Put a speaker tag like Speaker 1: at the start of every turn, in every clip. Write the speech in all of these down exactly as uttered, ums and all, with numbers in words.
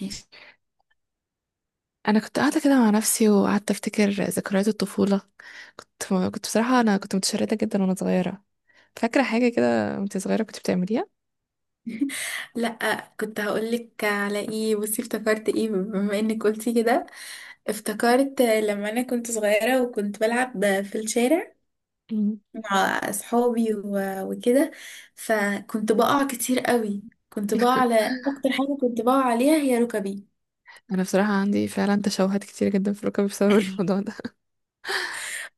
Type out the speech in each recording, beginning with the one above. Speaker 1: ماشي.
Speaker 2: انا كنت قاعده كده مع نفسي وقعدت افتكر ذكريات الطفوله. كنت كنت بصراحه انا كنت متشرده جدا وانا صغيره. فاكره حاجه كده وانت صغيره كنت بتعمليها؟
Speaker 1: لا، كنت هقولك على ايه. بصي، افتكرت ايه بما انك قلتي كده. افتكرت لما انا كنت صغيرة وكنت بلعب في الشارع
Speaker 2: مم.
Speaker 1: مع اصحابي و- وكده. فكنت بقع كتير قوي. كنت بقع على اكتر حاجة كنت بقع عليها هي ركبي.
Speaker 2: انا بصراحه عندي فعلا تشوهات كتير جدا في ركبي بسبب الموضوع ده.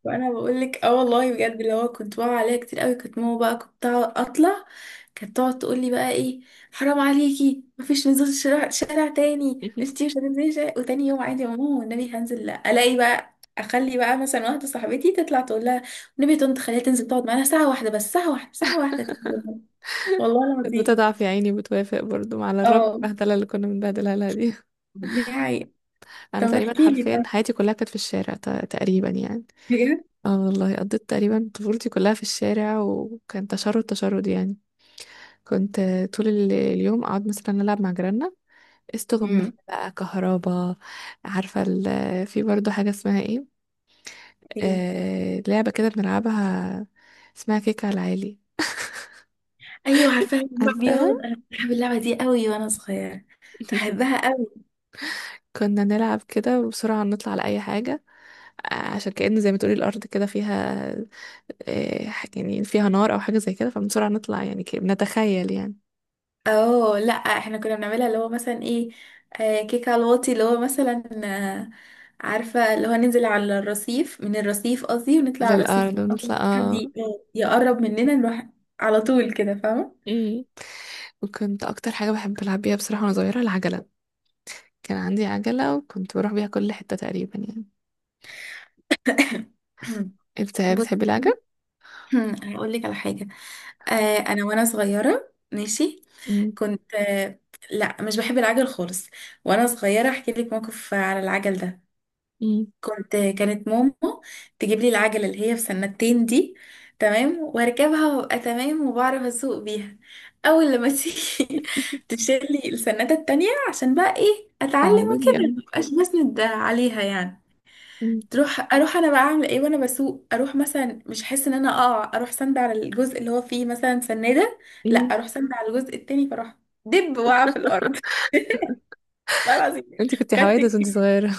Speaker 1: وانا بقول لك اه والله بجد. اللي هو كنت بقى عليها كتير قوي. كنت ماما بقى كنت أقعد- اطلع. كانت تقعد تقول لي بقى ايه؟ حرام عليكي، مفيش نزول. شارع شارع تاني؟ انتي مش هتنزلي شارع. وتاني يوم عادي يا ماما، والنبي هنزل. لا، الاقي بقى اخلي بقى مثلا واحده صاحبتي تطلع تقول لها. والنبي يا طنط خليها تنزل تقعد معانا ساعه واحده بس، ساعه واحده، ساعه واحده تنزل. والله
Speaker 2: كانت
Speaker 1: العظيم.
Speaker 2: بتضعف يا عيني وبتوافق برضو على الرغم
Speaker 1: اه،
Speaker 2: من البهدله اللي كنا بنبهدلها لها دي.
Speaker 1: دي حقيقة. طب
Speaker 2: انا تقريبا
Speaker 1: احكي لي
Speaker 2: حرفيا
Speaker 1: بقى،
Speaker 2: حياتي كلها كانت في الشارع، ت- تقريبا يعني.
Speaker 1: بجد.
Speaker 2: اه والله قضيت تقريبا طفولتي كلها في الشارع، وكان تشرد تشرد يعني. كنت طول ال- اليوم اقعد مثلا العب مع جيراننا استغماية
Speaker 1: امم،
Speaker 2: بقى كهربا. عارفة ال- في برضو حاجة اسمها ايه؟ آه... لعبة كده بنلعبها اسمها كيك على العالي.
Speaker 1: ايوه عارفاها. يا نهار ابيض.
Speaker 2: عارفاها.
Speaker 1: انا كنت بحب اللعبه دي قوي وانا صغيره. بحبها.
Speaker 2: كنا نلعب كده وبسرعة نطلع على أي حاجة، آه، عشان كأن زي ما تقولي الأرض كده فيها، آه، ح- يعني فيها نار أو حاجة زي كده فبسرعة نطلع يعني، ك- بنتخيل يعني
Speaker 1: اه، لا، احنا كنا بنعملها اللي هو مثلا ايه. آه كيك على الواطي اللي هو مثلا. آه عارفة، اللي هو ننزل على الرصيف، من الرصيف قصدي، ونطلع على الرصيف
Speaker 2: للأرض
Speaker 1: أول
Speaker 2: ونطلع
Speaker 1: ما حد
Speaker 2: اه.
Speaker 1: ي- آه، يقرب مننا نروح. على طول كده، فاهمة؟
Speaker 2: مم. وكنت أكتر حاجة بحب ألعب بيها بصراحة وأنا صغيرة العجلة. كان عندي عجلة وكنت بروح بيها كل حتة تقريبا يعني. انت
Speaker 1: بص،
Speaker 2: بتحبي العجل؟
Speaker 1: هقول لك على حاجة. آه انا وانا صغيرة، ماشي.
Speaker 2: مم.
Speaker 1: كنت آه لا، مش بحب العجل خالص. وانا صغيرة احكي لك موقف على العجل ده.
Speaker 2: مم.
Speaker 1: كنت كانت ماما تجيب لي العجلة اللي هي في سنتين دي. تمام، واركبها وابقى تمام وبعرف اسوق بيها. اول لما تيجي تشيل لي السنادة التانية عشان بقى ايه، اتعلم
Speaker 2: تعودي
Speaker 1: وكده
Speaker 2: يعني.
Speaker 1: مبقاش بسند عليها يعني.
Speaker 2: مم.
Speaker 1: تروح اروح انا بقى اعمل ايه وانا بسوق. اروح مثلا مش احس ان انا اقع، اروح سند على الجزء اللي هو فيه مثلا سنادة. لا،
Speaker 2: مم.
Speaker 1: اروح سند على الجزء التاني، فاروح دب واقع في الارض. لا العظيم.
Speaker 2: انت كنت
Speaker 1: خدت،
Speaker 2: حوادث وانت صغيرة؟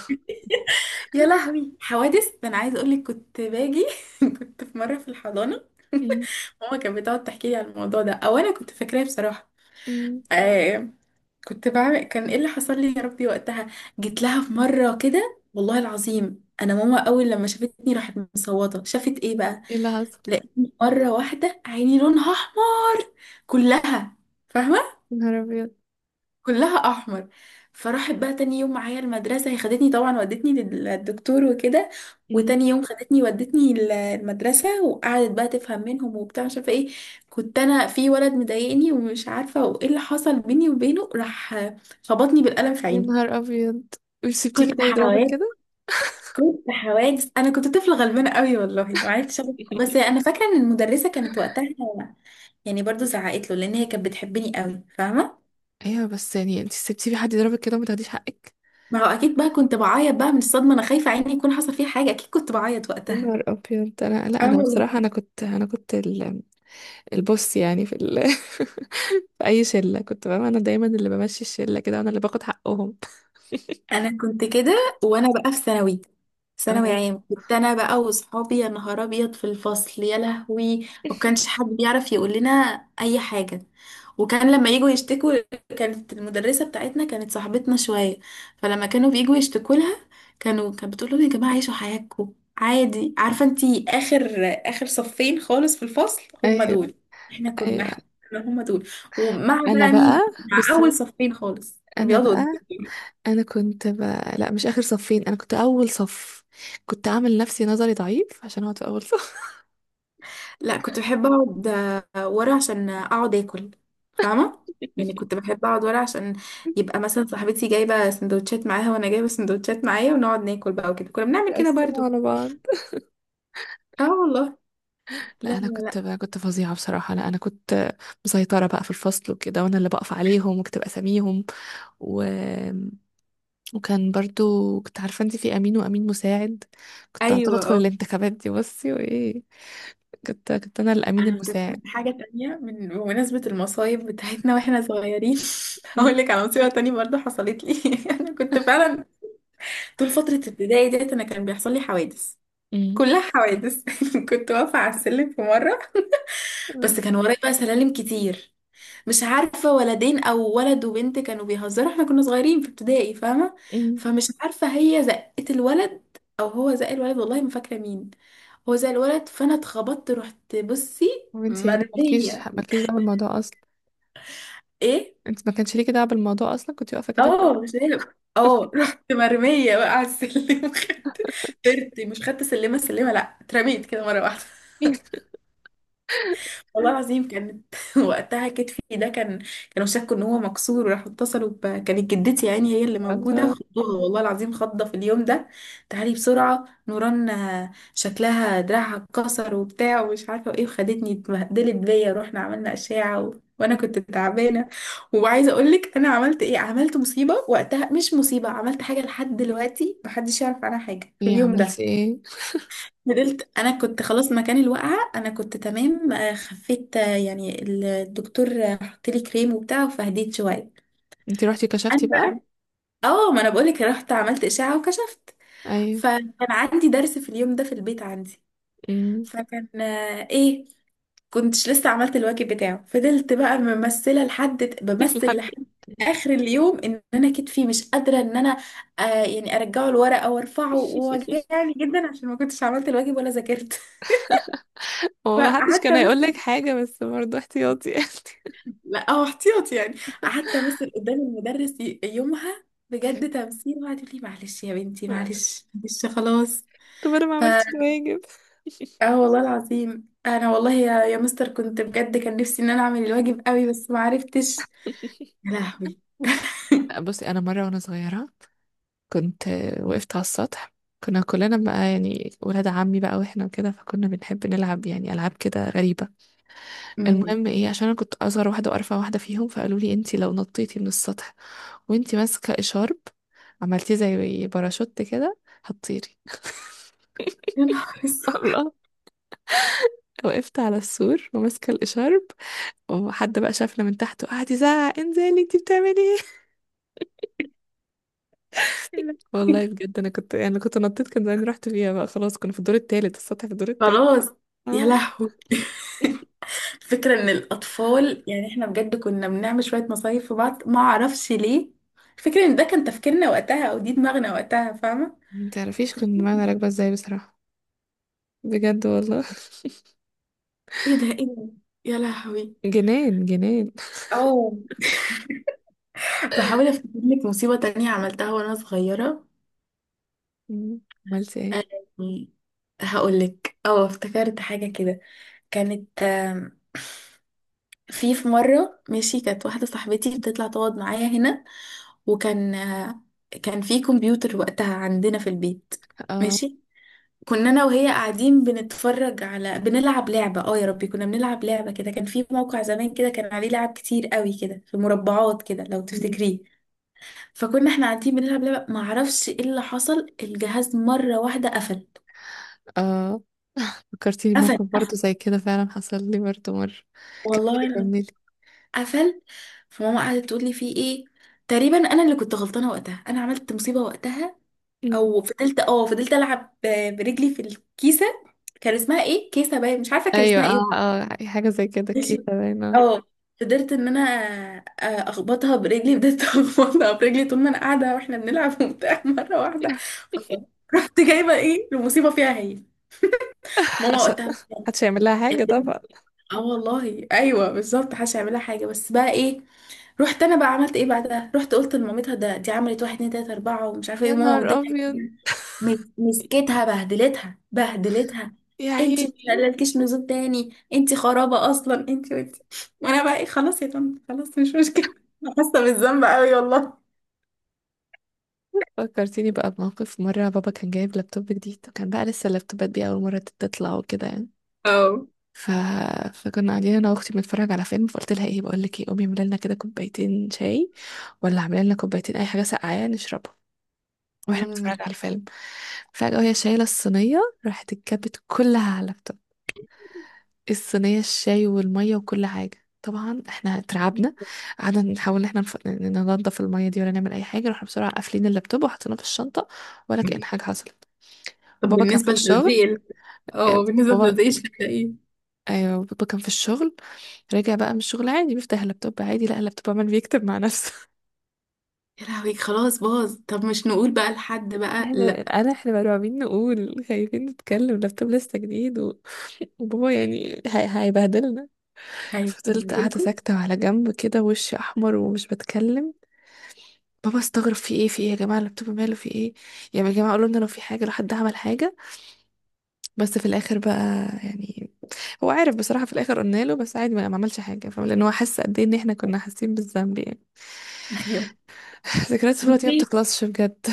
Speaker 1: يا لهوي. حوادث ده؟ انا عايزه اقول لك كنت باجي. كنت في مره في الحضانه.
Speaker 2: مم.
Speaker 1: ماما كانت بتقعد تحكي لي على الموضوع ده، او انا كنت فاكراه بصراحه.
Speaker 2: مم.
Speaker 1: آه كنت بعمل كان ايه اللي حصل لي يا ربي وقتها. جيت لها في مره كده والله العظيم، انا ماما اول لما شافتني راحت مصوته. شافت ايه بقى؟
Speaker 2: ايه اللي حصل؟
Speaker 1: لقيتني مره واحده عيني لونها احمر، كلها، فاهمه؟
Speaker 2: يا نهار ابيض.
Speaker 1: كلها احمر. فراحت بقى تاني يوم معايا المدرسه، هي خدتني طبعا ودتني للدكتور وكده.
Speaker 2: مم.
Speaker 1: وتاني يوم خدتني ودتني ال- المدرسه، وقعدت بقى تفهم منهم وبتاع مش عارفه ايه. كنت انا في ولد مضايقني ومش عارفه، وايه اللي حصل بيني وبينه، راح خبطني بالقلم في
Speaker 2: يا
Speaker 1: عيني.
Speaker 2: نهار ابيض، مش سبتيه
Speaker 1: كنت
Speaker 2: كده يضربك
Speaker 1: حوادث،
Speaker 2: كده؟
Speaker 1: كنت حوادث. انا كنت طفله غلبانه قوي والله ما عرفتش أعمل- بس انا فاكره ان المدرسه كانت وقتها. يعني برضو زعقت له لان هي كانت بتحبني قوي، فاهمه؟
Speaker 2: ايوه، بس يعني انت سبتيه في حد يضربك كده وما تاخديش حقك؟
Speaker 1: ما هو اكيد بقى كنت بعيط بقى من الصدمه، انا خايفه عيني يكون حصل فيها حاجه، اكيد كنت بعيط
Speaker 2: يا
Speaker 1: وقتها.
Speaker 2: نهار ابيض. انا، لا
Speaker 1: اه
Speaker 2: انا
Speaker 1: والله.
Speaker 2: بصراحة، انا كنت انا كنت ال- البوس يعني في ال... في اي شلة كنت بقى انا دايما اللي بمشي الشلة كده، وانا اللي باخد حقهم.
Speaker 1: انا كنت كده وانا بقى في ثانوي، ثانوي
Speaker 2: اه.
Speaker 1: عام. كنت انا بقى واصحابي يا نهار ابيض في الفصل يا لهوي. ما كانش حد بيعرف يقول لنا اي حاجه. وكان لما يجوا يشتكوا، كانت المدرسه بتاعتنا كانت صاحبتنا شويه. فلما كانوا بيجوا يشتكوا لها، كانوا كانت بتقول لهم يا جماعه عيشوا حياتكم عادي. عارفه، انتي اخر، اخر صفين خالص في الفصل، هم
Speaker 2: ايوه.
Speaker 1: دول. احنا
Speaker 2: ايوه.
Speaker 1: كنا هم دول. ومع
Speaker 2: انا
Speaker 1: بقى
Speaker 2: بقى.
Speaker 1: مين؟ مع اول
Speaker 2: بصي.
Speaker 1: صفين خالص اللي
Speaker 2: انا
Speaker 1: بيقعدوا
Speaker 2: بقى.
Speaker 1: قدام.
Speaker 2: انا كنت ب... لا مش اخر صفين، انا كنت اول صف. كنت اعمل نفسي نظري ضعيف عشان اقعد في اول صف.
Speaker 1: لا، كنت بحب اقعد آه، ورا عشان اقعد اكل، فاهمه؟ يعني كنت بحب اقعد ورا عشان يبقى مثلا صاحبتي جايبه سندوتشات معاها وانا جايبه سندوتشات معايا، ونقعد ناكل بقى وكده، كنا بنعمل كده
Speaker 2: اقسمه
Speaker 1: برضو.
Speaker 2: على بعض.
Speaker 1: اه والله. لا،
Speaker 2: لا انا
Speaker 1: لا،
Speaker 2: كنت
Speaker 1: لا.
Speaker 2: ب... كنت فظيعه بصراحه. لا انا كنت مسيطره بقى في الفصل وكده، وانا اللي بقف عليهم وكنت بسميهم. و... وكان برضو كنت عارفه انت في امين وامين مساعد. كنت على طول
Speaker 1: ايوه،
Speaker 2: ادخل
Speaker 1: اه.
Speaker 2: الانتخابات دي بصي وايه. كنت كنت انا الامين
Speaker 1: انا افتكرت
Speaker 2: المساعد.
Speaker 1: حاجه تانية من بمناسبه المصايب بتاعتنا واحنا صغيرين.
Speaker 2: م-
Speaker 1: هقول لك على مصيبه تانية برضو حصلت لي. انا كنت فعلا طول فتره ابتدائي ديت انا كان بيحصل لي حوادث،
Speaker 2: م-
Speaker 1: كلها حوادث. كنت واقفه على السلم في مره،
Speaker 2: م-
Speaker 1: بس كان ورايا بقى سلالم كتير. مش عارفة ولدين أو ولد وبنت كانوا بيهزروا، احنا كنا صغيرين في ابتدائي، فاهمة؟
Speaker 2: م.
Speaker 1: فمش عارفة هي زقت الولد أو هو زق الولد، والله ما فاكرة مين. هو زق الولد فأنا اتخبطت، رحت بصي
Speaker 2: وانت يعني مالكيش
Speaker 1: مرمية.
Speaker 2: مالكيش دعوه بالموضوع؟
Speaker 1: ايه؟
Speaker 2: انت ما كانش ليكي دعوه بالموضوع اصلا، كنت واقفه كده
Speaker 1: اه،
Speaker 2: وخلاص.
Speaker 1: مش عارف، اه. رحت مرمية بقى على السلم، خدت طرت، مش خدت سلمة سلمة، لأ اترميت كده مرة واحدة. والله العظيم كانت وقتها كتفي ده كان، كانوا شكوا ان هو مكسور وراحوا اتصلوا ب كانت جدتي يعني هي اللي موجوده،
Speaker 2: الله.
Speaker 1: خضوها والله العظيم، خضه في اليوم ده. تعالي بسرعه نوران، آه، شكلها دراعها اتكسر وبتاع ومش عارفه ايه، وخدتني اتبهدلت بيا، رحنا عملنا اشعه و... وانا كنت تعبانه. وعايزه اقول لك انا عملت ايه. عملت مصيبه وقتها، مش مصيبه، عملت حاجه لحد دلوقتي محدش يعرف عنها حاجه في
Speaker 2: ايه
Speaker 1: اليوم
Speaker 2: عملتي
Speaker 1: ده.
Speaker 2: ايه؟
Speaker 1: فضلت. انا كنت خلاص، مكان الوقعه انا كنت تمام، آه، خفيت، آه، يعني الدكتور آه، حط لي كريم وبتاع، فهديت شويه.
Speaker 2: انت روحتي
Speaker 1: انا
Speaker 2: كشفتي بقى؟
Speaker 1: بقى- اه، ما انا بقولك رحت عملت اشعه وكشفت.
Speaker 2: ايوه.
Speaker 1: فكان عندي درس في اليوم ده في البيت عندي.
Speaker 2: امم.
Speaker 1: فكان آه، ايه، كنتش لسه عملت الواجب بتاعه. فضلت بقى ممثله لحد بمثل لحد اخر اليوم ان انا كتفي مش قادره ان انا آه يعني ارجعه الورقه وارفعه، ووجعني جدا عشان ما كنتش عملت الواجب ولا ذاكرت.
Speaker 2: هو محدش
Speaker 1: فقعدت.
Speaker 2: كان هيقول لك حاجه، بس برضه احتياطي يعني.
Speaker 1: لا، هو احتياطي يعني. قعدت امثل قدام المدرس ي- يومها بجد تمثيل. وقعدت تقول لي معلش يا بنتي، معلش، معلش، خلاص.
Speaker 2: طب انا ما
Speaker 1: ف
Speaker 2: عملتش الواجب.
Speaker 1: اه والله العظيم انا والله، يا يا مستر، كنت بجد كان نفسي ان انا اعمل الواجب قوي بس ما عرفتش. يا لهوي.
Speaker 2: بصي، انا مره وانا صغيره كنت، آه، وقفت على السطح. كنا كلنا بقى يعني ولاد عمي بقى واحنا كده، فكنا بنحب نلعب يعني العاب كده غريبه.
Speaker 1: أمم.
Speaker 2: المهم ايه، عشان انا كنت اصغر واحده وارفع واحده فيهم فقالوا لي انتي لو نطيتي من السطح وانتي ماسكه اشارب عملتيه زي باراشوت كده هتطيري.
Speaker 1: يا نهار اسود.
Speaker 2: الله. وقفت على السور وماسكه الاشارب، وحد بقى شافنا من تحت وقعد يزعق انزلي انتي بتعملي ايه.
Speaker 1: يا
Speaker 2: والله
Speaker 1: لهوي.
Speaker 2: بجد انا كنت يعني كنت نطيت كان زمان رحت فيها بقى خلاص. كنا في الدور التالت، السطح في الدور التالت.
Speaker 1: خلاص. يا
Speaker 2: اه.
Speaker 1: لهوي. فكرة ان الاطفال يعني احنا بجد كنا بنعمل شوية مصايف في بعض، ما اعرفش ليه. فكرة ان ده كان تفكيرنا وقتها او دي دماغنا وقتها، فاهمة؟
Speaker 2: متعرفيش كنت معانا راكبه ازاي بصراحه، بجد والله.
Speaker 1: ايه ده؟ ايه ده؟ يا لهوي.
Speaker 2: جنان جنان.
Speaker 1: او بحاول افتكر لك مصيبة تانية عملتها وانا صغيرة.
Speaker 2: مم. عملت ايه؟
Speaker 1: أم، هقولك، اه، افتكرت حاجة كده. كانت أم، في في مرة، ماشي، كانت واحدة صاحبتي بتطلع تقعد معايا هنا. وكان آه، كان في كمبيوتر وقتها عندنا في البيت.
Speaker 2: اه.
Speaker 1: ماشي. كنا انا وهي قاعدين بنتفرج على، بنلعب لعبة، اه يا ربي، كنا بنلعب لعبة كده كان في موقع زمان كده، كان عليه لعب كتير قوي كده في مربعات كده، لو
Speaker 2: مم.
Speaker 1: تفتكريه. فكنا احنا قاعدين بنلعب لعبة، ما اعرفش ايه اللي حصل، الجهاز مرة واحدة قفل.
Speaker 2: اه فكرتيني
Speaker 1: قفل،
Speaker 2: بموقف
Speaker 1: قفل،
Speaker 2: برضه زي كده فعلا حصل لي برضه مرة.
Speaker 1: والله
Speaker 2: كملي
Speaker 1: انا،
Speaker 2: كملي.
Speaker 1: قفل. فماما قعدت تقول لي فيه ايه. تقريبا انا اللي كنت غلطانة وقتها، انا عملت مصيبة وقتها.
Speaker 2: مم.
Speaker 1: او فضلت، اه، فضلت العب ب- برجلي في الكيسة. كان اسمها ايه، كيسة باين، مش عارفة كان
Speaker 2: ايوه
Speaker 1: اسمها ايه.
Speaker 2: اه اه حاجة زي كده
Speaker 1: ماشي.
Speaker 2: كده باينة.
Speaker 1: اه، قدرت ان انا آه، اخبطها برجلي، بدأت اخبطها برجلي طول ما انا قاعدة واحنا بنلعب وبتاع، مرة واحدة. فصرت. رحت جايبة ايه المصيبة فيها هي. ماما
Speaker 2: عشان
Speaker 1: وقتها بقى-
Speaker 2: محدش هيعمل لها حاجة
Speaker 1: البنت-
Speaker 2: طبعا.
Speaker 1: اه والله، ايوه بالظبط، محدش هيعملها حاجه، بس بقى ايه. رحت انا بقى عملت ايه بعدها، رحت قلت لمامتها ده دي عملت واحد اتنين تلاته اربعه ومش عارفه ايه،
Speaker 2: يا
Speaker 1: وماما
Speaker 2: نهار
Speaker 1: متضايقه
Speaker 2: أبيض.
Speaker 1: جدا. مس- مسكتها بهدلتها بهدلتها.
Speaker 2: يا
Speaker 1: انتي مش
Speaker 2: عيني.
Speaker 1: هلالكيش نزول تاني، انتي خرابه اصلا، انتي وانتي. وانا بقى ايه؟ خلاص يا طنط، خلاص، مش مشكله. أنا حاسه بالذنب قوي والله.
Speaker 2: فكرتيني بقى بموقف مرة بابا كان جايب لابتوب جديد، وكان بقى لسه اللابتوبات دي أول مرة تطلع وكده يعني.
Speaker 1: اه.
Speaker 2: ف... فكنا قاعدين أنا وأختي بنتفرج على فيلم، فقلت لها إيه بقول لك إيه، قومي اعملي لنا كده كوبايتين شاي، ولا اعملي لنا كوبايتين أي حاجة ساقعة يعني نشربها واحنا
Speaker 1: أمم.
Speaker 2: بنتفرج على الفيلم. فجأة وهي شايلة الصينية راحت اتكبت كلها على اللابتوب، الصينية الشاي والمية وكل حاجة. طبعا احنا اترعبنا، قعدنا نحاول ان احنا نف- ن- ننضف المية دي، ولا نعمل اي حاجة رحنا بسرعة قافلين اللابتوب وحطيناه في الشنطة، ولا كأن حاجة حصلت.
Speaker 1: طب
Speaker 2: وبابا كان في
Speaker 1: بالنسبه
Speaker 2: الشغل.
Speaker 1: لتلزيق ال-
Speaker 2: إيه،
Speaker 1: اه، بالنسبه
Speaker 2: بابا،
Speaker 1: لتلزيق الشقه.
Speaker 2: ايوه بابا كان في الشغل. رجع بقى من الشغل عادي بيفتح اللابتوب عادي، لقى اللابتوب عمال بيكتب مع نفسه.
Speaker 1: يا لهوي، خلاص باظ. طب مش نقول بقى لحد بقى؟
Speaker 2: احنا،
Speaker 1: لا.
Speaker 2: انا احنا مرعوبين نقول، خايفين نتكلم، اللابتوب لسه جديد، و... وبابا يعني هي... هيبهدلنا. فضلت قاعدة
Speaker 1: هينزلكم.
Speaker 2: ساكتة على جنب كده وشي أحمر ومش بتكلم. بابا استغرب في ايه في ايه يا جماعة، اللابتوب ماله في ايه؟ يعني يا جماعة قالوا لنا لو في حاجة لو حد عمل حاجة. بس في الآخر بقى يعني هو عارف بصراحة. في الآخر قلنا له، بس عادي ما ما عملش حاجة، فاهم، لأن هو حس قد ايه إن احنا كنا حاسين بالذنب يعني.
Speaker 1: ايوه.
Speaker 2: ذكريات الطفولة دي ما
Speaker 1: بصي،
Speaker 2: بتخلصش بجد.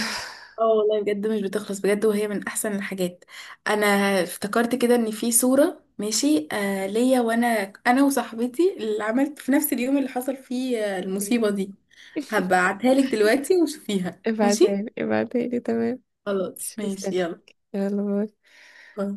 Speaker 1: اه والله بجد مش بتخلص بجد، وهي من احسن الحاجات. انا افتكرت كده ان في صورة، ماشي، آه ليا، وانا انا وصاحبتي اللي عملت في نفس اليوم اللي حصل فيه آه، المصيبة دي. هبعتها لك دلوقتي وشوفيها، ماشي.
Speaker 2: ابعتهالي ابعتهالي تمام.
Speaker 1: خلاص،
Speaker 2: مش
Speaker 1: ماشي،
Speaker 2: مستنية.
Speaker 1: يلا،
Speaker 2: يلا باي.
Speaker 1: باي.